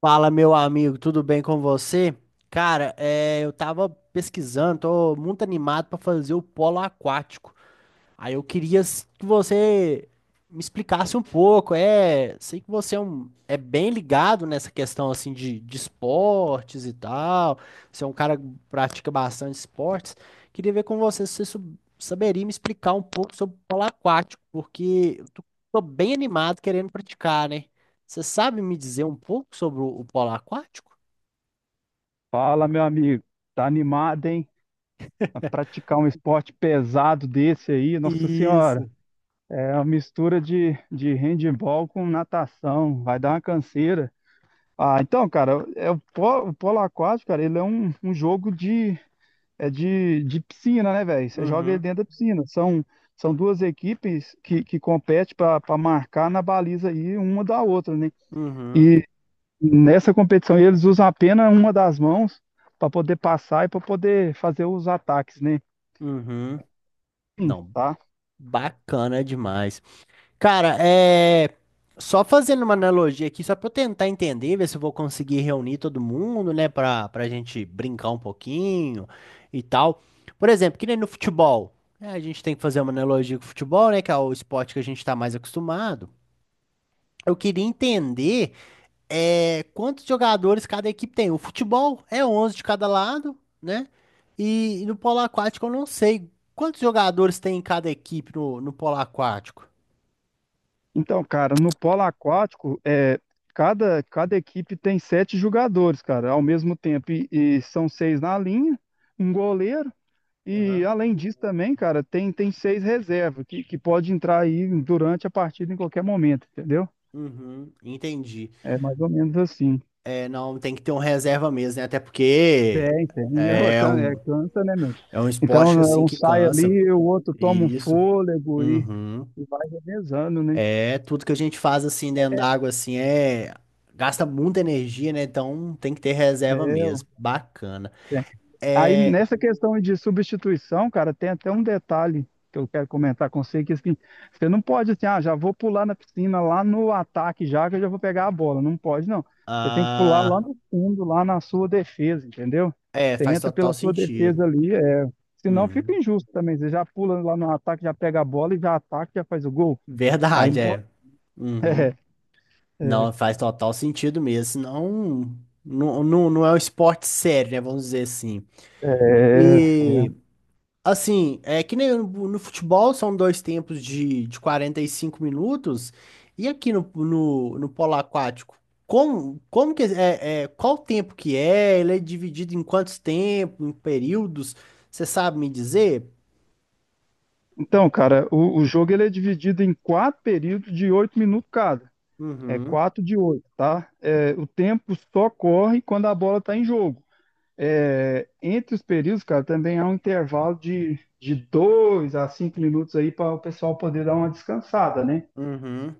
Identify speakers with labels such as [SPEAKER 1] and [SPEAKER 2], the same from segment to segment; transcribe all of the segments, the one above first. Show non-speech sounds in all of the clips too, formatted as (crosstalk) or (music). [SPEAKER 1] Fala, meu amigo, tudo bem com você? Cara, é, eu tava pesquisando, tô muito animado pra fazer o polo aquático. Aí eu queria que você me explicasse um pouco. É, sei que você é, um, é bem ligado nessa questão assim de esportes e tal. Você é um cara que pratica bastante esportes. Queria ver com você se você saberia me explicar um pouco sobre polo aquático, porque eu tô bem animado querendo praticar, né? Você sabe me dizer um pouco sobre o polo aquático?
[SPEAKER 2] Fala, meu amigo. Tá animado, hein? A praticar um esporte pesado desse aí, Nossa Senhora.
[SPEAKER 1] Isso.
[SPEAKER 2] É uma mistura de handebol com natação. Vai dar uma canseira. Então, cara, é o, o polo aquático, cara, ele é um jogo de piscina, né, velho? Você joga ele
[SPEAKER 1] Uhum,
[SPEAKER 2] dentro da piscina. São duas equipes que competem para marcar na baliza aí uma da outra, né?
[SPEAKER 1] uhum,
[SPEAKER 2] Nessa competição, eles usam apenas uma das mãos para poder passar e para poder fazer os ataques, né?
[SPEAKER 1] uhum.
[SPEAKER 2] Hum.
[SPEAKER 1] Não,
[SPEAKER 2] Tá?
[SPEAKER 1] bacana demais. Cara, é. Só fazendo uma analogia aqui, só pra eu tentar entender, ver se eu vou conseguir reunir todo mundo, né, pra gente brincar um pouquinho e tal. Por exemplo, que nem no futebol, né, a gente tem que fazer uma analogia com o futebol, né, que é o esporte que a gente tá mais acostumado. Eu queria entender é, quantos jogadores cada equipe tem. O futebol é 11 de cada lado, né? E no polo aquático eu não sei quantos jogadores tem em cada equipe no, no polo aquático.
[SPEAKER 2] Então, cara, no polo aquático, é, cada equipe tem 7 jogadores, cara, ao mesmo tempo. E são 6 na linha, um goleiro. E além disso também, cara, tem 6 reservas que pode entrar aí durante a partida em qualquer momento, entendeu?
[SPEAKER 1] Uhum, entendi.
[SPEAKER 2] É mais ou menos assim.
[SPEAKER 1] É, não, tem que ter um reserva mesmo, né? Até porque
[SPEAKER 2] Tem, tem. É,
[SPEAKER 1] é um,
[SPEAKER 2] é, cansa, né, meu?
[SPEAKER 1] é um
[SPEAKER 2] Então,
[SPEAKER 1] esporte
[SPEAKER 2] né,
[SPEAKER 1] assim
[SPEAKER 2] um
[SPEAKER 1] que
[SPEAKER 2] sai
[SPEAKER 1] cansa.
[SPEAKER 2] ali, o outro toma um
[SPEAKER 1] Isso.
[SPEAKER 2] fôlego
[SPEAKER 1] Uhum.
[SPEAKER 2] e vai revezando, né?
[SPEAKER 1] É, tudo que a gente faz assim dentro d'água assim é gasta muita energia, né? Então tem que ter reserva
[SPEAKER 2] É,
[SPEAKER 1] mesmo. Bacana.
[SPEAKER 2] Aí
[SPEAKER 1] É,
[SPEAKER 2] nessa questão de substituição, cara, tem até um detalhe que eu quero comentar com você, que assim, você não pode assim, ah, já vou pular na piscina lá no ataque já que eu já vou pegar a bola. Não pode, não. Você tem que pular lá
[SPEAKER 1] ah,
[SPEAKER 2] no fundo, lá na sua defesa, entendeu?
[SPEAKER 1] é,
[SPEAKER 2] Você
[SPEAKER 1] faz
[SPEAKER 2] entra
[SPEAKER 1] total
[SPEAKER 2] pela sua
[SPEAKER 1] sentido.
[SPEAKER 2] defesa ali, é... senão fica
[SPEAKER 1] Uhum.
[SPEAKER 2] injusto também. Você já pula lá no ataque, já pega a bola e já ataca, já faz o gol. Aí não
[SPEAKER 1] Verdade,
[SPEAKER 2] pode.
[SPEAKER 1] é. Uhum.
[SPEAKER 2] (laughs) É,
[SPEAKER 1] Não, faz total sentido mesmo. Senão, não é um esporte sério, né? Vamos dizer assim.
[SPEAKER 2] é, é,
[SPEAKER 1] E
[SPEAKER 2] é.
[SPEAKER 1] assim, é que nem no, no futebol são dois tempos de 45 minutos, e aqui no, no, no polo aquático, como que é, é, qual o tempo que é? Ele é dividido em quantos tempos, em períodos? Você sabe me dizer?
[SPEAKER 2] Então, cara, o jogo ele é dividido em 4 períodos de 8 minutos cada. É
[SPEAKER 1] Uhum,
[SPEAKER 2] 4 de 8, tá? É, o tempo só corre quando a bola está em jogo. É, entre os períodos, cara, também há um intervalo de 2 a 5 minutos aí para o pessoal poder dar uma descansada, né?
[SPEAKER 1] uhum.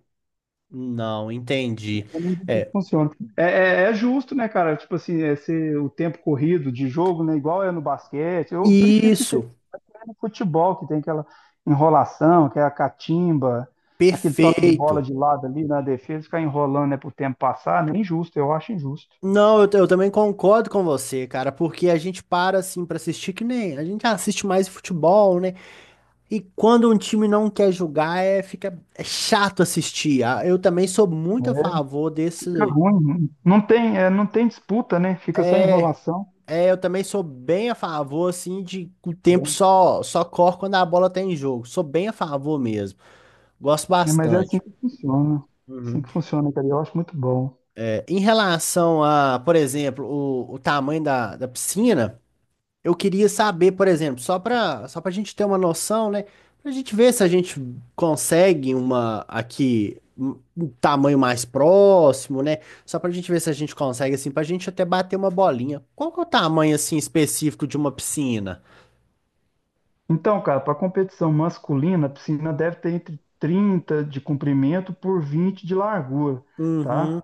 [SPEAKER 1] Não, entendi.
[SPEAKER 2] Como isso
[SPEAKER 1] É,
[SPEAKER 2] funciona. É, é justo, né, cara? Tipo assim, é ser o tempo corrido de jogo, né? Igual é no basquete. Eu prefiro que seja
[SPEAKER 1] isso,
[SPEAKER 2] no futebol, que tem aquela enrolação, que é a catimba, aquele toque de bola
[SPEAKER 1] perfeito.
[SPEAKER 2] de lado ali na defesa, ficar enrolando, né, pro tempo passar, né? É injusto, eu acho injusto.
[SPEAKER 1] Não, eu também concordo com você, cara, porque a gente para assim pra assistir que nem a gente assiste mais futebol, né? E quando um time não quer jogar, é, fica é chato assistir. Ah, eu também sou muito
[SPEAKER 2] Né?
[SPEAKER 1] a favor
[SPEAKER 2] Fica
[SPEAKER 1] desse.
[SPEAKER 2] ruim, né? Não tem, é, não tem disputa, né? Fica só
[SPEAKER 1] É,
[SPEAKER 2] enrolação,
[SPEAKER 1] é, eu também sou bem a favor, assim, de que o tempo só corre quando a bola tá em jogo. Sou bem a favor mesmo. Gosto
[SPEAKER 2] né? Mas é assim
[SPEAKER 1] bastante.
[SPEAKER 2] que funciona. Assim
[SPEAKER 1] Uhum.
[SPEAKER 2] que funciona, cara. E eu acho muito bom.
[SPEAKER 1] É, em relação a, por exemplo, o tamanho da piscina. Eu queria saber, por exemplo, só para a gente ter uma noção, né? Para a gente ver se a gente consegue uma aqui um tamanho mais próximo, né? Só para a gente ver se a gente consegue assim, para a gente até bater uma bolinha. Qual que é o tamanho assim específico de uma piscina?
[SPEAKER 2] Então, cara, para competição masculina, a piscina deve ter entre 30 de comprimento por 20 de largura, tá?
[SPEAKER 1] Uhum,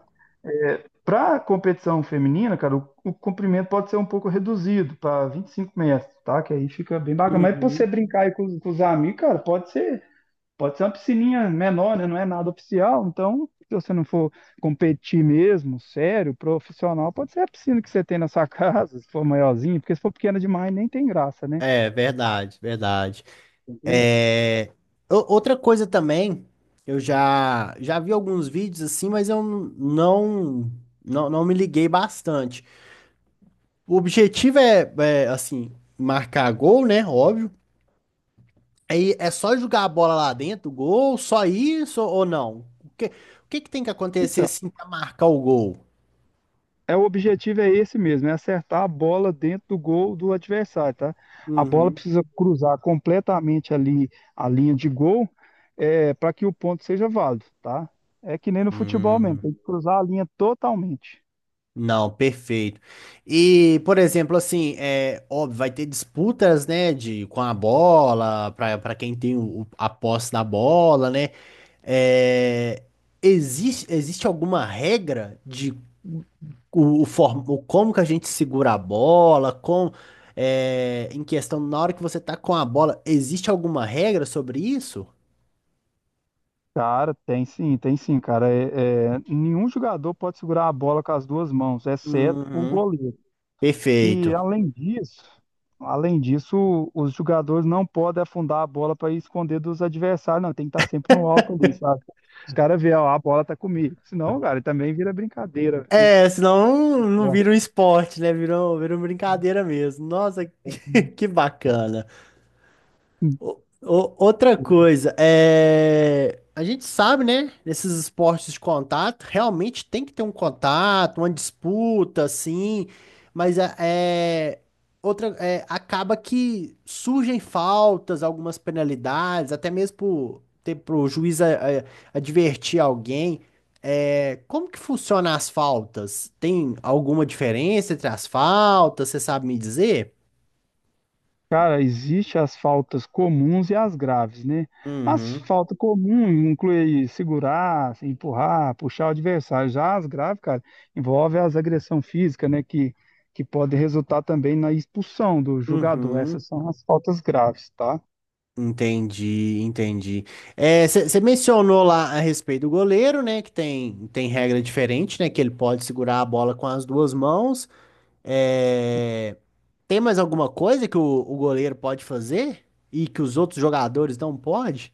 [SPEAKER 2] Para competição feminina, cara, o comprimento pode ser um pouco reduzido para 25 metros, tá? Que aí fica bem bacana. Mas para
[SPEAKER 1] uhum.
[SPEAKER 2] você brincar aí com, com os amigos, cara, pode ser. Pode ser uma piscininha menor, né? Não é nada oficial. Então, se você não for competir mesmo, sério, profissional, pode ser a piscina que você tem na sua (laughs) casa, se for maiorzinha, porque se for pequena demais, nem tem graça, né?
[SPEAKER 1] É verdade, verdade.
[SPEAKER 2] Entendeu?
[SPEAKER 1] É... Outra coisa também, eu já vi alguns vídeos assim, mas eu não, não me liguei bastante. O objetivo é, é, assim, marcar gol, né? Óbvio. Aí é só jogar a bola lá dentro, gol, só isso ou não? O que que tem que acontecer
[SPEAKER 2] Então,
[SPEAKER 1] assim para marcar o gol?
[SPEAKER 2] é, o objetivo é esse mesmo, é acertar a bola dentro do gol do adversário, tá? A bola
[SPEAKER 1] Uhum.
[SPEAKER 2] precisa cruzar completamente ali a linha de gol, é, para que o ponto seja válido, tá? É que nem no futebol mesmo,
[SPEAKER 1] Hum,
[SPEAKER 2] tem que cruzar a linha totalmente.
[SPEAKER 1] não, perfeito. E, por exemplo, assim, é óbvio, vai ter disputas, né, de com a bola, para quem tem o, a posse da bola, né? É, existe alguma regra de o como que a gente segura a bola, com é, em questão na hora que você tá com a bola, existe alguma regra sobre isso?
[SPEAKER 2] Cara, tem sim, cara. Nenhum jogador pode segurar a bola com as duas mãos, exceto o
[SPEAKER 1] Uhum.
[SPEAKER 2] goleiro. E
[SPEAKER 1] Perfeito.
[SPEAKER 2] além disso, os jogadores não podem afundar a bola para esconder dos adversários, não. Tem que estar sempre no alto ali, sabe? Os caras veem, ó, a bola tá comigo. Senão, cara, também vira brincadeira, né?
[SPEAKER 1] É, senão
[SPEAKER 2] Do
[SPEAKER 1] não vira
[SPEAKER 2] esporte.
[SPEAKER 1] um esporte, né? Virou brincadeira mesmo. Nossa, (laughs) que bacana. Outra coisa, é... a gente sabe, né? Nesses esportes de contato, realmente tem que ter um contato, uma disputa, assim, mas é... Outra, é, acaba que surgem faltas, algumas penalidades, até mesmo por ter para o juiz é, é, advertir alguém. É, como que funciona as faltas? Tem alguma diferença entre as faltas? Você sabe me dizer?
[SPEAKER 2] Cara, existem as faltas comuns e as graves, né? As
[SPEAKER 1] Uhum,
[SPEAKER 2] faltas comuns incluem segurar, empurrar, puxar o adversário. Já as graves, cara, envolve as agressão física, né? Que pode resultar também na expulsão do jogador.
[SPEAKER 1] uhum.
[SPEAKER 2] Essas são as faltas graves, tá?
[SPEAKER 1] Entendi, entendi. Você mencionou lá a respeito do goleiro, né? Que tem regra diferente, né? Que ele pode segurar a bola com as duas mãos. É, tem mais alguma coisa que o goleiro pode fazer e que os outros jogadores não podem?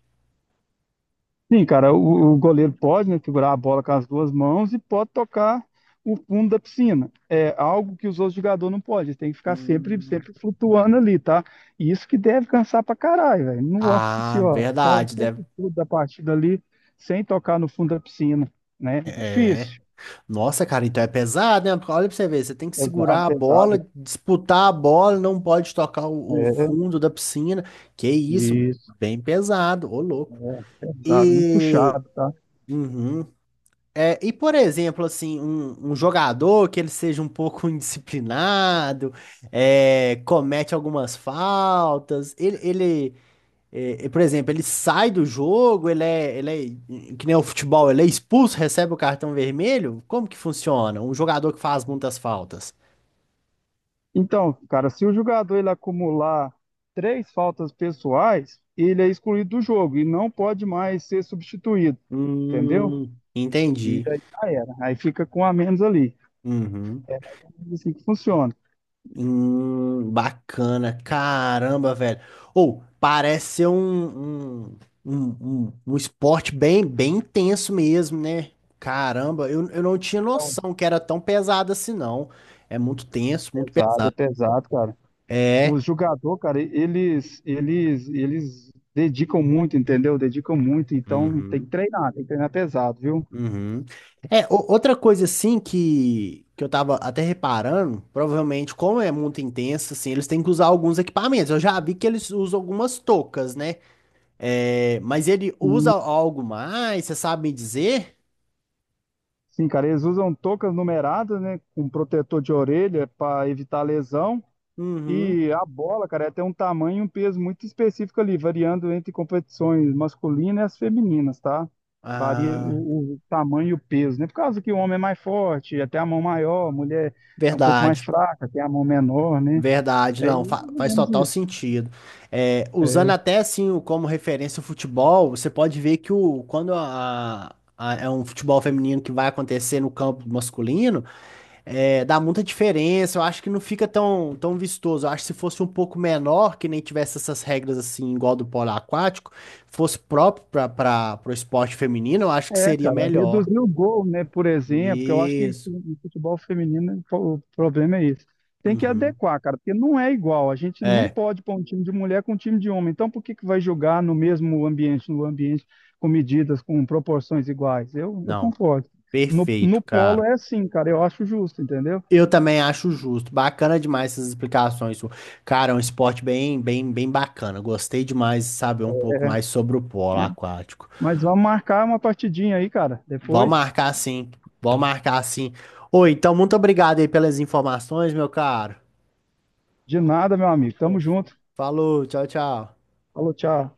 [SPEAKER 2] Sim, cara, o goleiro pode, né, segurar a bola com as duas mãos e pode tocar o fundo da piscina. É algo que os outros jogadores não podem. Eles têm que ficar
[SPEAKER 1] Hum,
[SPEAKER 2] sempre flutuando ali, tá? E isso que deve cansar pra caralho, velho. Nossa
[SPEAKER 1] Ah,
[SPEAKER 2] senhora, ficar o
[SPEAKER 1] verdade,
[SPEAKER 2] tempo
[SPEAKER 1] deve.
[SPEAKER 2] todo da partida ali sem tocar no fundo da piscina, né? É
[SPEAKER 1] É.
[SPEAKER 2] difícil.
[SPEAKER 1] Nossa, cara, então é pesado, né? Porque olha pra você ver, você tem que
[SPEAKER 2] Pesado,
[SPEAKER 1] segurar a
[SPEAKER 2] pesado.
[SPEAKER 1] bola, disputar a bola, não pode tocar o
[SPEAKER 2] É,
[SPEAKER 1] fundo da piscina. Que isso,
[SPEAKER 2] isso,
[SPEAKER 1] bem pesado, ô louco.
[SPEAKER 2] pesado, muito
[SPEAKER 1] E,
[SPEAKER 2] puxado, tá?
[SPEAKER 1] uhum. É, e por exemplo, assim, um jogador que ele seja um pouco (laughs) indisciplinado, é, comete algumas faltas, ele é, é, por exemplo, ele sai do jogo, ele é, que nem o futebol, ele é expulso, recebe o cartão vermelho? Como que funciona? Um jogador que faz muitas faltas.
[SPEAKER 2] Então, cara, se o jogador ele acumular 3 faltas pessoais, ele é excluído do jogo e não pode mais ser substituído, entendeu? E
[SPEAKER 1] Entendi.
[SPEAKER 2] aí já era. Aí fica com um a menos ali.
[SPEAKER 1] Uhum.
[SPEAKER 2] É Assim que funciona.
[SPEAKER 1] Bacana. Caramba, velho. Ou, parece ser um esporte bem, intenso mesmo, né? Caramba, eu não tinha
[SPEAKER 2] Então,
[SPEAKER 1] noção que era tão pesado assim, não. É muito tenso, muito
[SPEAKER 2] pesado, é
[SPEAKER 1] pesado.
[SPEAKER 2] pesado, cara. O
[SPEAKER 1] É.
[SPEAKER 2] jogador, cara, eles dedicam muito, entendeu? Dedicam muito, então
[SPEAKER 1] Uhum.
[SPEAKER 2] tem que treinar pesado, viu?
[SPEAKER 1] Uhum. É, outra coisa assim que eu tava até reparando, provavelmente, como é muito intenso, assim, eles têm que usar alguns equipamentos. Eu já vi que eles usam algumas toucas, né? É, mas ele usa
[SPEAKER 2] E
[SPEAKER 1] algo mais, você sabe me dizer?
[SPEAKER 2] sim, cara, eles usam toucas numeradas, né, com protetor de orelha para evitar lesão.
[SPEAKER 1] Uhum.
[SPEAKER 2] E a bola, cara, tem um tamanho e um peso muito específico ali, variando entre competições masculinas e as femininas, tá? Varia
[SPEAKER 1] Ah,
[SPEAKER 2] o tamanho e o peso, né? Por causa que o homem é mais forte, até a mão maior, a mulher é um pouco mais
[SPEAKER 1] verdade,
[SPEAKER 2] fraca, tem a mão menor, né?
[SPEAKER 1] verdade,
[SPEAKER 2] É
[SPEAKER 1] não,
[SPEAKER 2] mais ou
[SPEAKER 1] faz
[SPEAKER 2] menos
[SPEAKER 1] total
[SPEAKER 2] isso.
[SPEAKER 1] sentido. É, usando
[SPEAKER 2] É,
[SPEAKER 1] até assim como referência o futebol, você pode ver que o, quando é um futebol feminino que vai acontecer no campo masculino. É, dá muita diferença, eu acho que não fica tão, tão vistoso. Eu acho que se fosse um pouco menor, que nem tivesse essas regras assim, igual do polo aquático, fosse próprio para o esporte feminino, eu acho que
[SPEAKER 2] É,
[SPEAKER 1] seria
[SPEAKER 2] cara,
[SPEAKER 1] melhor.
[SPEAKER 2] reduzir o gol, né, por exemplo, que eu acho que
[SPEAKER 1] Isso.
[SPEAKER 2] no futebol feminino o problema é esse. Tem que
[SPEAKER 1] Uhum.
[SPEAKER 2] adequar, cara, porque não é igual. A gente não
[SPEAKER 1] É,
[SPEAKER 2] pode pôr um time de mulher com um time de homem. Então, por que que vai jogar no mesmo ambiente, no ambiente com medidas, com proporções iguais? Eu
[SPEAKER 1] não,
[SPEAKER 2] concordo. No
[SPEAKER 1] perfeito,
[SPEAKER 2] polo
[SPEAKER 1] cara.
[SPEAKER 2] é assim, cara, eu acho justo, entendeu?
[SPEAKER 1] Eu também acho justo. Bacana demais essas explicações sua. Cara, é um esporte bem, bem, bem bacana. Gostei demais de saber um pouco
[SPEAKER 2] É,
[SPEAKER 1] mais sobre o polo
[SPEAKER 2] mas,
[SPEAKER 1] aquático.
[SPEAKER 2] vamos marcar uma partidinha aí, cara,
[SPEAKER 1] Vamos
[SPEAKER 2] depois.
[SPEAKER 1] marcar assim. Vamos marcar assim. Oi, então muito obrigado aí pelas informações, meu caro.
[SPEAKER 2] De nada, meu amigo. Tamo
[SPEAKER 1] Ô,
[SPEAKER 2] junto.
[SPEAKER 1] falou, tchau, tchau.
[SPEAKER 2] Falou, tchau.